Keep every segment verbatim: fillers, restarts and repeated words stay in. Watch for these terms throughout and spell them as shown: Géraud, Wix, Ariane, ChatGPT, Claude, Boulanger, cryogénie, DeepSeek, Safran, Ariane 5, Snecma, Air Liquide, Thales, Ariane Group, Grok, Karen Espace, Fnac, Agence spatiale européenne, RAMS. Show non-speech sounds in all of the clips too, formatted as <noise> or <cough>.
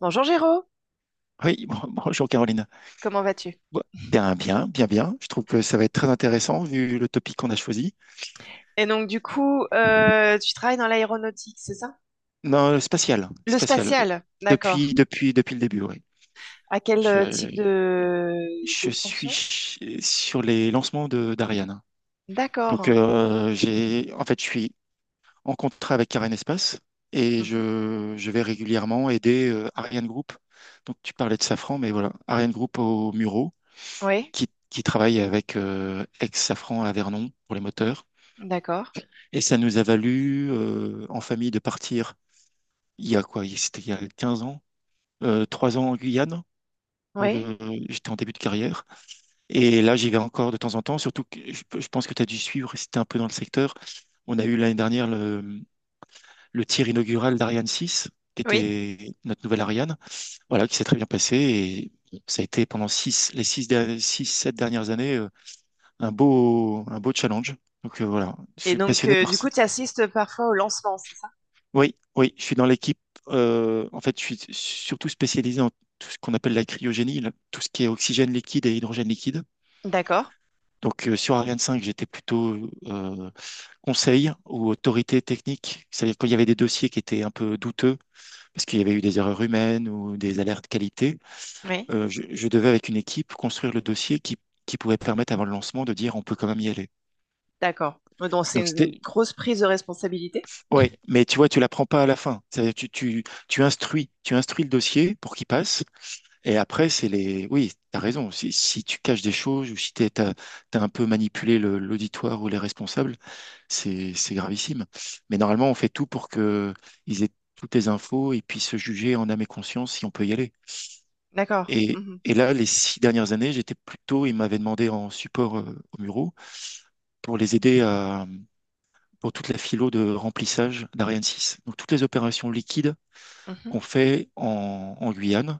Bonjour Géraud, Oui, <laughs> bon- bonjour Caroline. comment vas-tu? Bon, Bien, bien, bien, bien. Je trouve que ça va être très intéressant vu le topic qu'on a choisi. Et donc du coup, euh, tu travailles dans l'aéronautique, c'est ça? Non, le spatial, Le spatial. Euh, spatial, d'accord. Depuis, depuis, depuis le début, oui. À quel euh, type Je, de, de je suis fonction? ch- sur les lancements de d'Ariane. Donc, D'accord. euh, j'ai, en fait, je suis en contrat avec Karen Espace et Mhm. je, je vais régulièrement aider euh, Ariane Group. Donc, tu parlais de Safran, mais voilà, Ariane Group au Muro Oui, qui, qui travaille avec euh, ex-Safran à Vernon pour les moteurs. d'accord. Et ça nous a valu euh, en famille de partir il y a quoi? C'était il y a 15 ans, euh, 3 ans en Guyane. Pour Oui, le... J'étais en début de carrière. Et là, j'y vais encore de temps en temps. Surtout que je, je pense que tu as dû suivre, c'était un peu dans le secteur. On a eu l'année dernière le, le tir inaugural d'Ariane six, qui oui. était notre nouvelle Ariane, voilà, qui s'est très bien passé. Et ça a été pendant six, les six, 6, sept dernières années, euh, un beau, un beau challenge. Donc euh, voilà, je Et suis donc passionné euh, par... du coup, tu assistes parfois au lancement, c'est ça? Oui, oui, je suis dans l'équipe. Euh, en fait, je suis surtout spécialisé en tout ce qu'on appelle la cryogénie, là, tout ce qui est oxygène liquide et hydrogène liquide. D'accord. Donc, euh, sur Ariane cinq, j'étais plutôt euh, conseil ou autorité technique. C'est-à-dire qu'il y avait des dossiers qui étaient un peu douteux, parce qu'il y avait eu des erreurs humaines ou des alertes qualité, Oui, euh, je, je devais, avec une équipe, construire le dossier qui, qui pouvait permettre, avant le lancement, de dire on peut quand même y aller. d'accord. Donc c'est Donc, une c'était, grosse prise de responsabilité. ouais, mais tu vois, tu l'apprends pas à la fin. C'est-à-dire que tu, tu, tu instruis, tu instruis le dossier pour qu'il passe. Et après, c'est les... Oui, t'as raison. Si, si tu caches des choses ou si t'es, t'as, t'as un peu manipulé le- l'auditoire ou les responsables, c'est, c'est gravissime. Mais normalement, on fait tout pour que ils aient toutes les infos et puissent se juger en âme et conscience si on peut y aller. D'accord. Et, Mhm. et là, les six dernières années, j'étais plutôt... Ils m'avaient demandé en support euh, aux Mureaux pour les aider à... pour toute la philo de remplissage d'Ariane six. Donc, toutes les opérations liquides Mhm. qu'on fait en, en Guyane,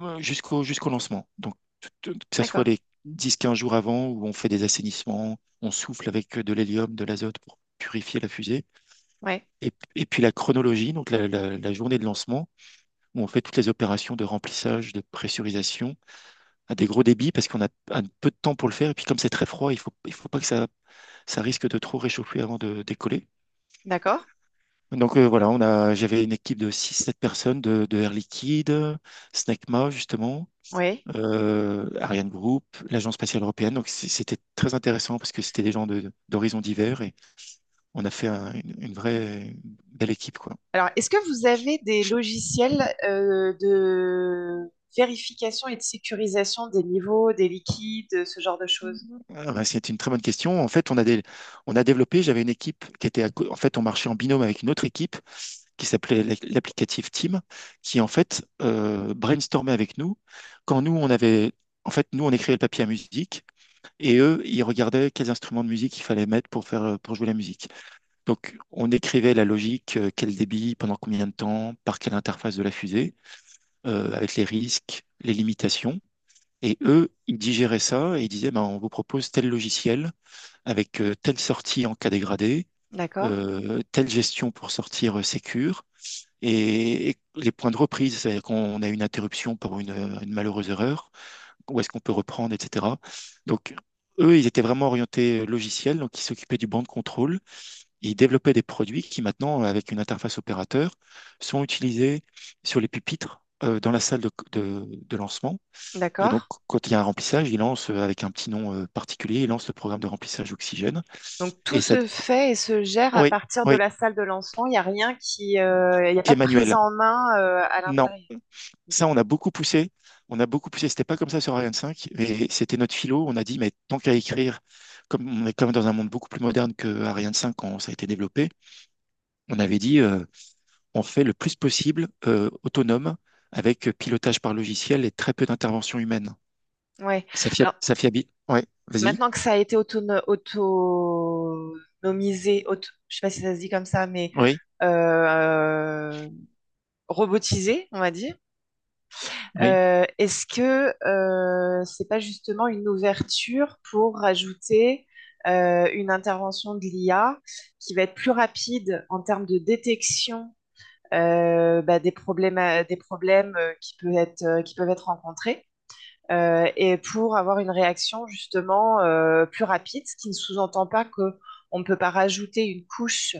euh, jusqu'au jusqu'au lancement. Donc, tout- tout- que ce soit D'accord. les dix quinze jours avant où on fait des assainissements, on souffle avec euh, de l'hélium, de l'azote pour purifier la fusée. Ouais. Et, et puis la chronologie, donc la, la- la journée de lancement, où on fait toutes les opérations de remplissage, de pressurisation à des gros débits parce qu'on a un peu de temps pour le faire. Et puis comme c'est très froid, il faut, il faut pas que ça, ça risque de trop réchauffer avant de décoller. D'accord. Donc euh, voilà, on a, j'avais une équipe de six sept personnes de, de Air Liquide, Snecma justement, Oui. euh, Ariane Group, l'Agence spatiale européenne. Donc c- c'était très intéressant parce que c'était des gens de, d'horizons divers et on a fait un- une, une vraie belle équipe, quoi. Alors, est-ce que vous avez des logiciels euh, de vérification et de sécurisation des niveaux, des liquides, ce genre de choses? Ah ben, c'était une très bonne question. En fait, on a, des, on a développé, j'avais une équipe qui était, à co- en fait, on marchait en binôme avec une autre équipe qui s'appelait l'ac- l'applicatif Team, qui en fait euh, brainstormait avec nous quand nous, on avait... En fait, nous, on écrivait le papier à musique et eux, ils regardaient quels instruments de musique il fallait mettre pour faire, pour jouer la musique. Donc, on écrivait la logique, euh, quel débit, pendant combien de temps, par quelle interface de la fusée, euh, avec les risques, les limitations. Et eux, ils digéraient ça et ils disaient, ben, on vous propose tel logiciel avec euh, telle sortie en cas dégradé, D'accord. euh, telle gestion pour sortir euh, sécure et, et les points de reprise, c'est-à-dire qu'on a une interruption pour une, euh, une malheureuse erreur, où est-ce qu'on peut reprendre, et cetera. Donc, eux, ils étaient vraiment orientés euh, logiciel, donc ils s'occupaient du banc de contrôle. Ils développaient des produits qui maintenant, avec une interface opérateur, sont utilisés sur les pupitres, euh, dans la salle de, de- de lancement. Et donc, D'accord. quand il y a un remplissage, ils lancent, euh, avec un petit nom euh, particulier, ils lancent le programme de remplissage oxygène. Donc tout Et ça, se fait et se gère à oui, partir de oui, la salle de lancement. Il n'y a rien qui, euh, il n'y a qui pas est de prise manuel. en main euh, à Non, l'intérieur. Ok. ça, on a beaucoup poussé. On a beaucoup poussé. C'était pas comme ça sur Ariane cinq, mais c'était notre philo. On a dit, mais tant qu'à écrire, comme on est quand même dans un monde beaucoup plus moderne que Ariane cinq quand ça a été développé, on avait dit, euh, on fait le plus possible euh, autonome avec euh, pilotage par logiciel et très peu d'intervention humaine. Ouais. Ça fia- Alors ça fiabi- Ouais, vas-y. maintenant que ça a été autono- autonomisé, auto, je sais pas si ça se dit comme ça, mais Oui, euh, robotisé, on va dire. oui, Euh, est-ce que euh, c'est pas justement une ouverture pour rajouter euh, une intervention de l'I A qui va être plus rapide en termes de détection euh, bah, des problèmes, euh, des problèmes euh, qui peuvent être, euh, qui peuvent être rencontrés. Euh, et pour avoir une réaction justement euh, plus rapide, ce qui ne sous-entend pas qu'on ne peut pas rajouter une couche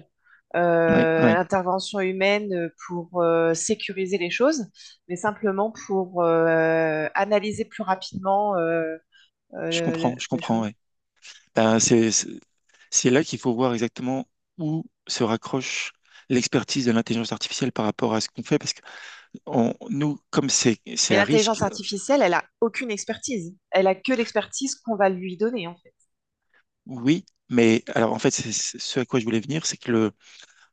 oui, euh, à oui. l'intervention humaine pour euh, sécuriser les choses, mais simplement pour euh, analyser plus rapidement euh, Je euh, le- le- comprends, je les comprends, choses. ouais. Ben, c'est, c'est c'est là qu'il faut voir exactement où se raccroche l'expertise de l'intelligence artificielle par rapport à ce qu'on fait, parce que on- nous, comme c'est, c'est Mais à l'intelligence risque, artificielle, elle a aucune expertise. Elle a que l'expertise qu'on va lui donner, en fait. oui, mais alors en fait, c'est, c'est- ce à quoi je voulais venir, c'est que le,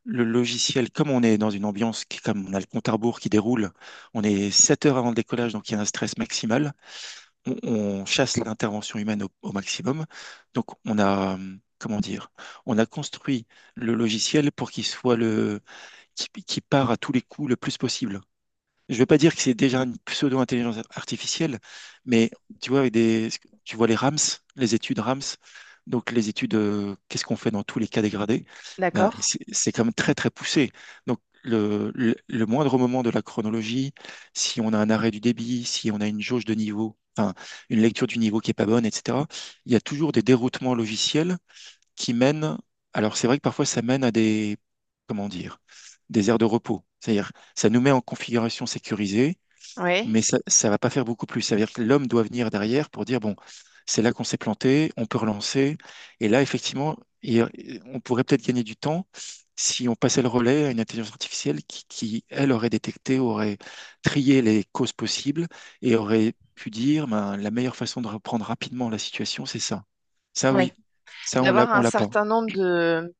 le logiciel, comme on est dans une ambiance, qui- comme on a le compte à rebours qui déroule, on est sept heures avant le décollage, donc il y a un stress maximal. On, on chasse l'intervention humaine au, au maximum. Donc on a, euh, comment dire, on a construit le logiciel pour qu'il soit le, qui, qui part à tous les coups le plus possible. Je vais pas dire que c'est déjà une pseudo-intelligence artificielle, mais tu vois, avec des, tu vois les RAMS, les études RAMS, donc les études, euh, qu'est-ce qu'on fait dans tous les cas dégradés, ben, D'accord? c'est c'est quand même très très poussé. Donc le, le- le moindre moment de la chronologie, si on a un arrêt du débit, si on a une jauge de niveau, enfin une lecture du niveau qui est pas bonne, et cetera, il y a toujours des déroutements logiciels qui mène, alors c'est vrai que parfois ça mène à des, comment dire, des aires de repos. C'est-à-dire, ça nous met en configuration sécurisée, Oui. mais ça ne va pas faire beaucoup plus. Ça veut dire que l'homme doit venir derrière pour dire, bon, c'est là qu'on s'est planté, on peut relancer. Et là, effectivement, il- on pourrait peut-être gagner du temps si on passait le relais à une intelligence artificielle qui, qui, elle, aurait détecté, aurait trié les causes possibles et aurait pu dire, ben, la meilleure façon de reprendre rapidement la situation, c'est ça. Ça, Oui. oui. Ça, on l'a, D'avoir on un l'a pas. certain nombre de,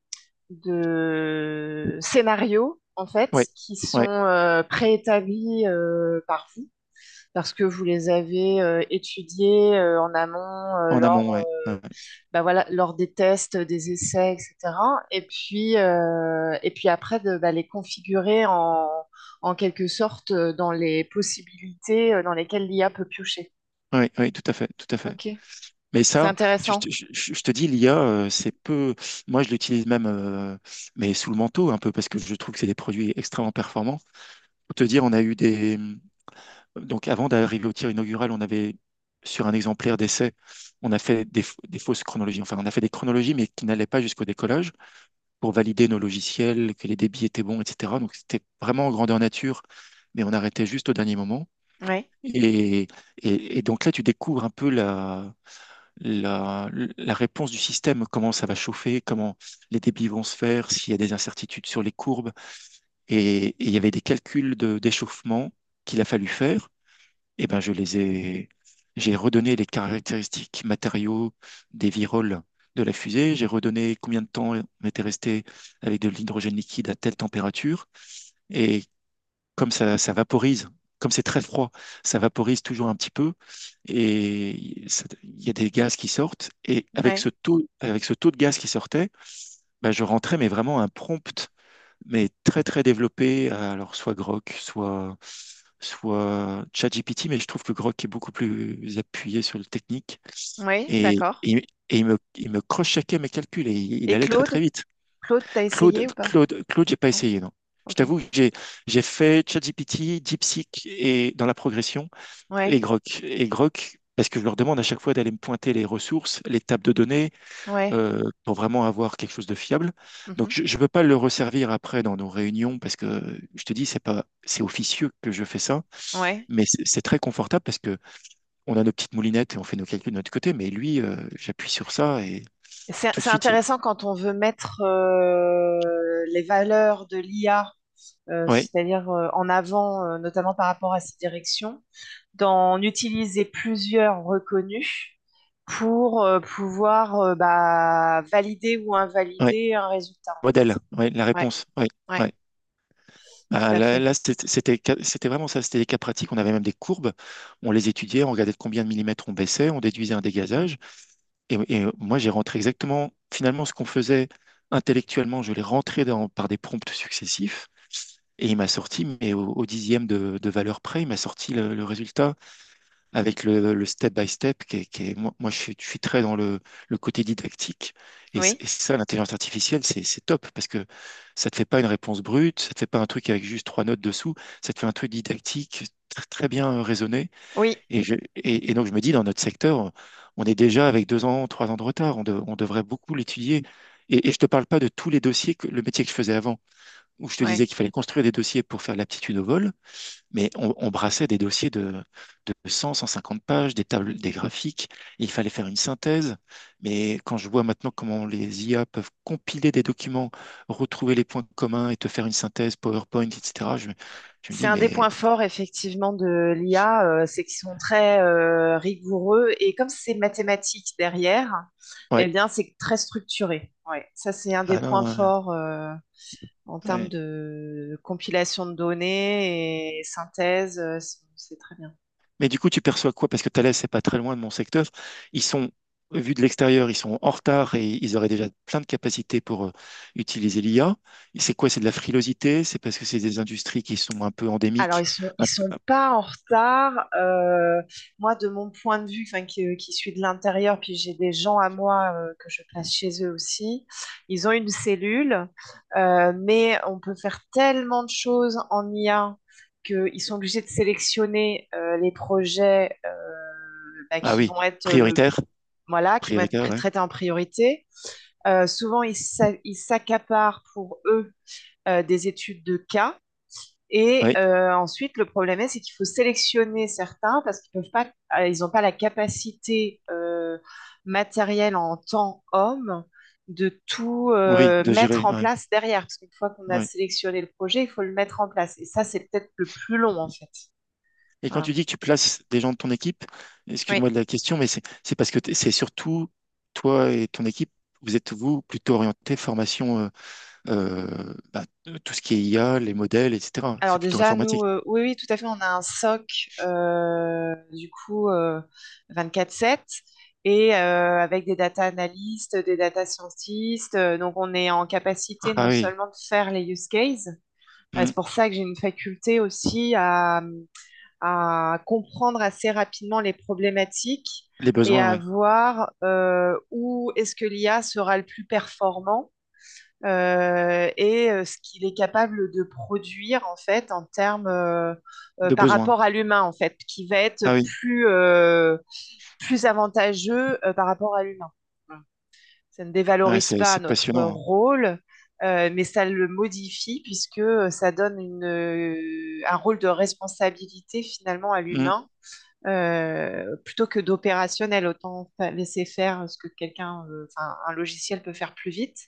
de scénarios, en fait, Ouais, qui sont ouais, euh, préétablis euh, par vous, parce que vous les avez euh, étudiés euh, en amont euh, en amont, lors, ouais. Ouais, euh, ouais, bah voilà, lors des tests, des essais, et cétéra. Et puis, euh, et puis après, de bah, les configurer en, en quelque sorte euh, dans les possibilités euh, dans lesquelles l'I A peut piocher. ouais, ouais, tout à fait, tout à fait. Ok, Mais c'est ça, tu- je, intéressant. te je- je- je te dis, l'i a, euh, c'est peu. Moi, je l'utilise même, euh, mais sous le manteau un peu, parce que je trouve que c'est des produits extrêmement performants. Pour te dire, on a eu des... Donc, avant d'arriver au tir inaugural, on avait, sur un exemplaire d'essai, on a fait des, f- des fausses chronologies. Enfin, on a fait des chronologies, mais qui n'allaient pas jusqu'au décollage pour valider nos logiciels, que les débits étaient bons, et cetera. Donc, c'était vraiment en grandeur nature, mais on arrêtait juste au dernier moment. Oui, Et, et- et donc là, tu découvres un peu la, la, la réponse du système, comment ça va chauffer, comment les débits vont se faire, s'il y a des incertitudes sur les courbes. Et, et il y avait des calculs de, d'échauffement qu'il a fallu faire. Et ben, je les ai, j'ai redonné les caractéristiques matériaux des viroles de la fusée. J'ai redonné combien de temps on était resté avec de l'hydrogène liquide à telle température et comme ça, ça vaporise, comme c'est très froid, ça vaporise toujours un petit peu et ça- il y a des gaz qui sortent. Et avec ce oui, taux, avec ce taux de gaz qui sortait, bah, je rentrais mais vraiment un prompt, mais très très développé. à, Alors soit Grok, soit soit ChatGPT, mais je trouve que Grok est beaucoup plus appuyé sur le technique oui, et, d'accord. et- et il me, il me cross-checkait mes calculs et il, il Et allait très très Claude? vite. Claude, t'as Claude, essayé ou pas? Claude, Claude, j'ai pas Non? essayé, non. Je Ok. t'avoue, que j'ai j'ai fait ChatGPT, DeepSeek et dans la progression et Ouais, Grok. Et Grok, parce que je leur demande à chaque fois d'aller me pointer les ressources, les tables de données, ouais, euh, pour vraiment avoir quelque chose de fiable. Donc mhm, je ne peux pas le resservir après dans nos réunions parce que je te dis c'est pas c'est officieux que je fais ça, ouais. mais c'est c'est très confortable parce que on a nos petites moulinettes et on fait nos calculs de notre côté. Mais lui, euh, j'appuie sur ça et C'est tout de c'est suite, il... intéressant quand on veut mettre euh, les valeurs de l'I A, euh, ouais, c'est-à-dire euh, en avant, euh, notamment par rapport à ses directions, d'en utiliser plusieurs reconnus pour euh, pouvoir euh, bah, valider ou ouais, invalider un résultat, en fait. modèle, ouais, la Ouais, réponse, ouais, ouais, ouais. tout Ah, à là, fait. là, c'était c'était c'était vraiment ça, c'était des cas pratiques. On avait même des courbes, on les étudiait, on regardait de combien de millimètres on baissait, on déduisait un dégazage. Et, et euh, moi, j'ai rentré exactement, finalement, ce qu'on faisait intellectuellement, je l'ai rentré dans, par des prompts successifs. Et il m'a sorti, mais au, au dixième de, de valeur près, il m'a sorti le, le résultat avec le, le step by step, qui est, qui est- moi, moi, je suis, je suis très dans le, le côté didactique. Et, c- Oui, et ça, l'intelligence artificielle, c'est, c'est top parce que ça te fait pas une réponse brute, ça te fait pas un truc avec juste trois notes dessous, ça te fait un truc didactique, tr- très, bien euh, raisonné. oui, Et, je- et, et donc, je me dis, dans notre secteur, on est déjà avec deux ans, trois ans de retard. On, de- on devrait beaucoup l'étudier. Et, et je te parle pas de tous les dossiers, que, le métier que je faisais avant, où je te disais ouais. qu'il fallait construire des dossiers pour faire l'aptitude au vol. Mais on, on brassait des dossiers de, de cent, cent cinquante pages, des tables, des graphiques. Et il fallait faire une synthèse. Mais quand je vois maintenant comment les I A peuvent compiler des documents, retrouver les points communs et te faire une synthèse PowerPoint, et cetera, je, me je me C'est dis, un des mais points forts effectivement de l'I A, euh, c'est qu'ils sont très euh, rigoureux et comme c'est mathématique derrière, eh ouais, bien c'est très structuré. Ouais, ça c'est un des ah non, points ouais, forts euh, en termes ouais. de compilation de données et synthèse, euh, c'est c'est très bien. Mais du coup, tu perçois quoi? Parce que Thales, c'est pas très loin de mon secteur. Ils sont, vu de l'extérieur, ils sont en retard et ils auraient déjà plein de capacités pour euh, utiliser l'I A. C'est quoi? C'est de la frilosité? C'est parce que c'est des industries qui sont un peu Alors, endémiques. ils sont, ils sont pas en retard. Euh, moi, de mon point de vue, enfin, qui, euh, qui suis de l'intérieur, puis j'ai des gens à moi euh, que je place chez eux aussi. Ils ont une cellule, euh, mais on peut faire tellement de choses en I A qu'ils sont obligés de sélectionner euh, les projets euh, bah, Ah qui oui, vont être le, prioritaire, voilà, qui vont être prioritaire, pr- ouais. traités en priorité. Euh, souvent, ils s'a- ils s'accaparent pour eux euh, des études de cas et Ouais, euh, ensuite, le problème est, c'est qu'il faut sélectionner certains parce qu'ils peuvent pas, euh, ils n'ont pas la capacité euh, matérielle en tant homme de tout oui, euh, de mettre gérer, en ouais, place derrière. Parce qu'une fois qu'on a ouais. sélectionné le projet, il faut le mettre en place. Et ça, c'est peut-être le plus long en fait. Et quand tu Voilà. dis que tu places des gens de ton équipe, Oui, excuse-moi de la question, mais c'est c'est parce que t'es- c'est surtout toi et ton équipe, vous êtes vous plutôt orienté formation, euh, euh, bah, euh, tout ce qui est I A, les modèles, et cetera. alors C'est plutôt déjà, nous, informatique. euh, oui, oui, tout à fait, on a un S O C, euh, du coup, euh, vingt-quatre sept, et euh, avec des data analystes, des data scientists. euh, donc, on est en capacité non Ah oui, seulement de faire les use cases, euh, hmm, c'est pour ça que j'ai une faculté aussi à, à comprendre assez rapidement les problématiques les et besoins, à ouais, voir euh, où est-ce que l'I A sera le plus performant euh, et euh, ce qu'il est capable de produire en fait en termes euh, euh, de par besoins. rapport à l'humain en fait, qui va être Ah oui, plus euh, plus avantageux euh, par rapport à l'humain. Voilà. Ça ne ouais, dévalorise c'est pas c'est notre passionnant, rôle, euh, mais ça le modifie puisque euh, ça donne une, euh, un rôle de responsabilité finalement à hein. Hmm, l'humain. euh, plutôt que d'opérationnel, autant laisser faire ce que quelqu'un, euh, enfin, un logiciel peut faire plus vite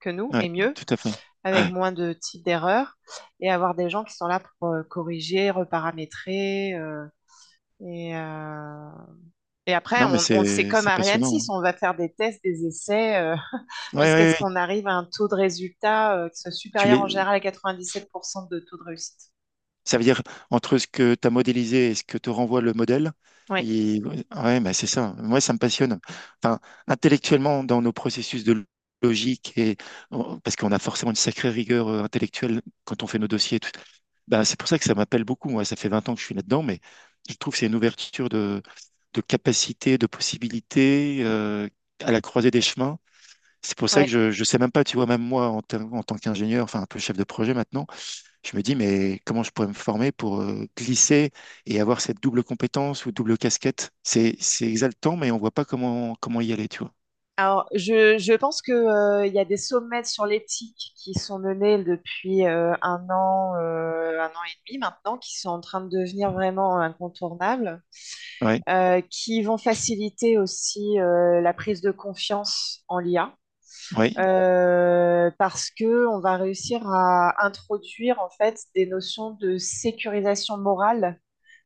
que nous ouais, et mieux tout à fait. avec Ouais. moins de types d'erreurs et avoir des gens qui sont là pour euh, corriger, reparamétrer. euh, et, euh, et après, Non, mais on, on, c'est c'est comme c'est Ariane passionnant, six hein. on va faire des tests, des essais euh, <laughs> Ouais, ouais, jusqu'à ce ouais, ouais. qu'on arrive à un taux de résultat euh, qui soit Tu supérieur en les, général à quatre-vingt-dix-sept pour cent de taux de réussite. ça veut dire entre ce que tu as modélisé et ce que te renvoie le modèle. Oui, Et, ouais, bah, c'est ça. Moi, ça me passionne. Enfin, intellectuellement, dans nos processus de logique, et parce qu'on a forcément une sacrée rigueur euh, intellectuelle quand on fait nos dossiers, et tout. Bah, c'est pour ça que ça m'appelle beaucoup. Moi, ça fait vingt ans que je suis là-dedans, mais je trouve que c'est une ouverture de, de capacité, de possibilités euh, à la croisée des chemins. C'est pour ça oui. que je ne sais même pas, tu vois, même moi, en, tant en tant qu'ingénieur, enfin un peu chef de projet maintenant, je me dis, mais comment je pourrais me former pour euh, glisser et avoir cette double compétence ou double casquette? C'est, c'est exaltant, mais on voit pas comment, comment y aller, tu vois. Alors, je, je pense que, euh, il y a des sommets sur l'éthique qui sont menés depuis euh, un an, euh, un an et demi maintenant, qui sont en train de devenir vraiment incontournables. Ouais, euh, qui vont faciliter aussi euh, la prise de confiance en l'I A. ouais, euh, parce que on va réussir à introduire en fait des notions de sécurisation morale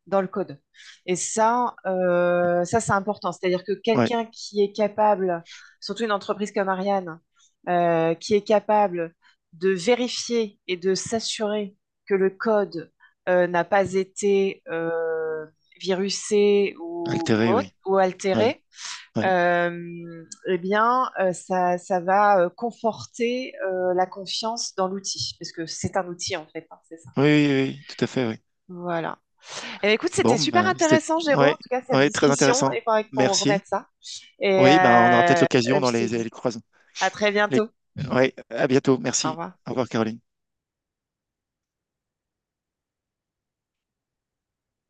dans le code. Et ça, euh, ça c'est important. C'est-à-dire que ouais. quelqu'un qui est capable, surtout une entreprise comme Ariane, euh, qui est capable de vérifier et de s'assurer que le code euh, n'a pas été euh, virusé ou, ou, Altéré, autre- oui. ou Ouais, altéré, ouais. euh, eh bien, euh, ça, ça va euh, conforter euh, la confiance dans l'outil, parce que c'est un outil en fait, hein, c'est ça. Oui, oui, oui, oui, tout à fait, oui. Voilà. Eh bien, écoute, Bon, c'était super ben, c'était, intéressant, Géro. En ouais, tout cas, cette ouais, très discussion. intéressant. Il faudrait qu'on Merci. remette ça. Et Oui, ben, on aura peut-être euh, l'occasion je dans les, te dis les croisons. à très Les... bientôt. Ouais, à bientôt. Au Merci. revoir. Au revoir, Caroline.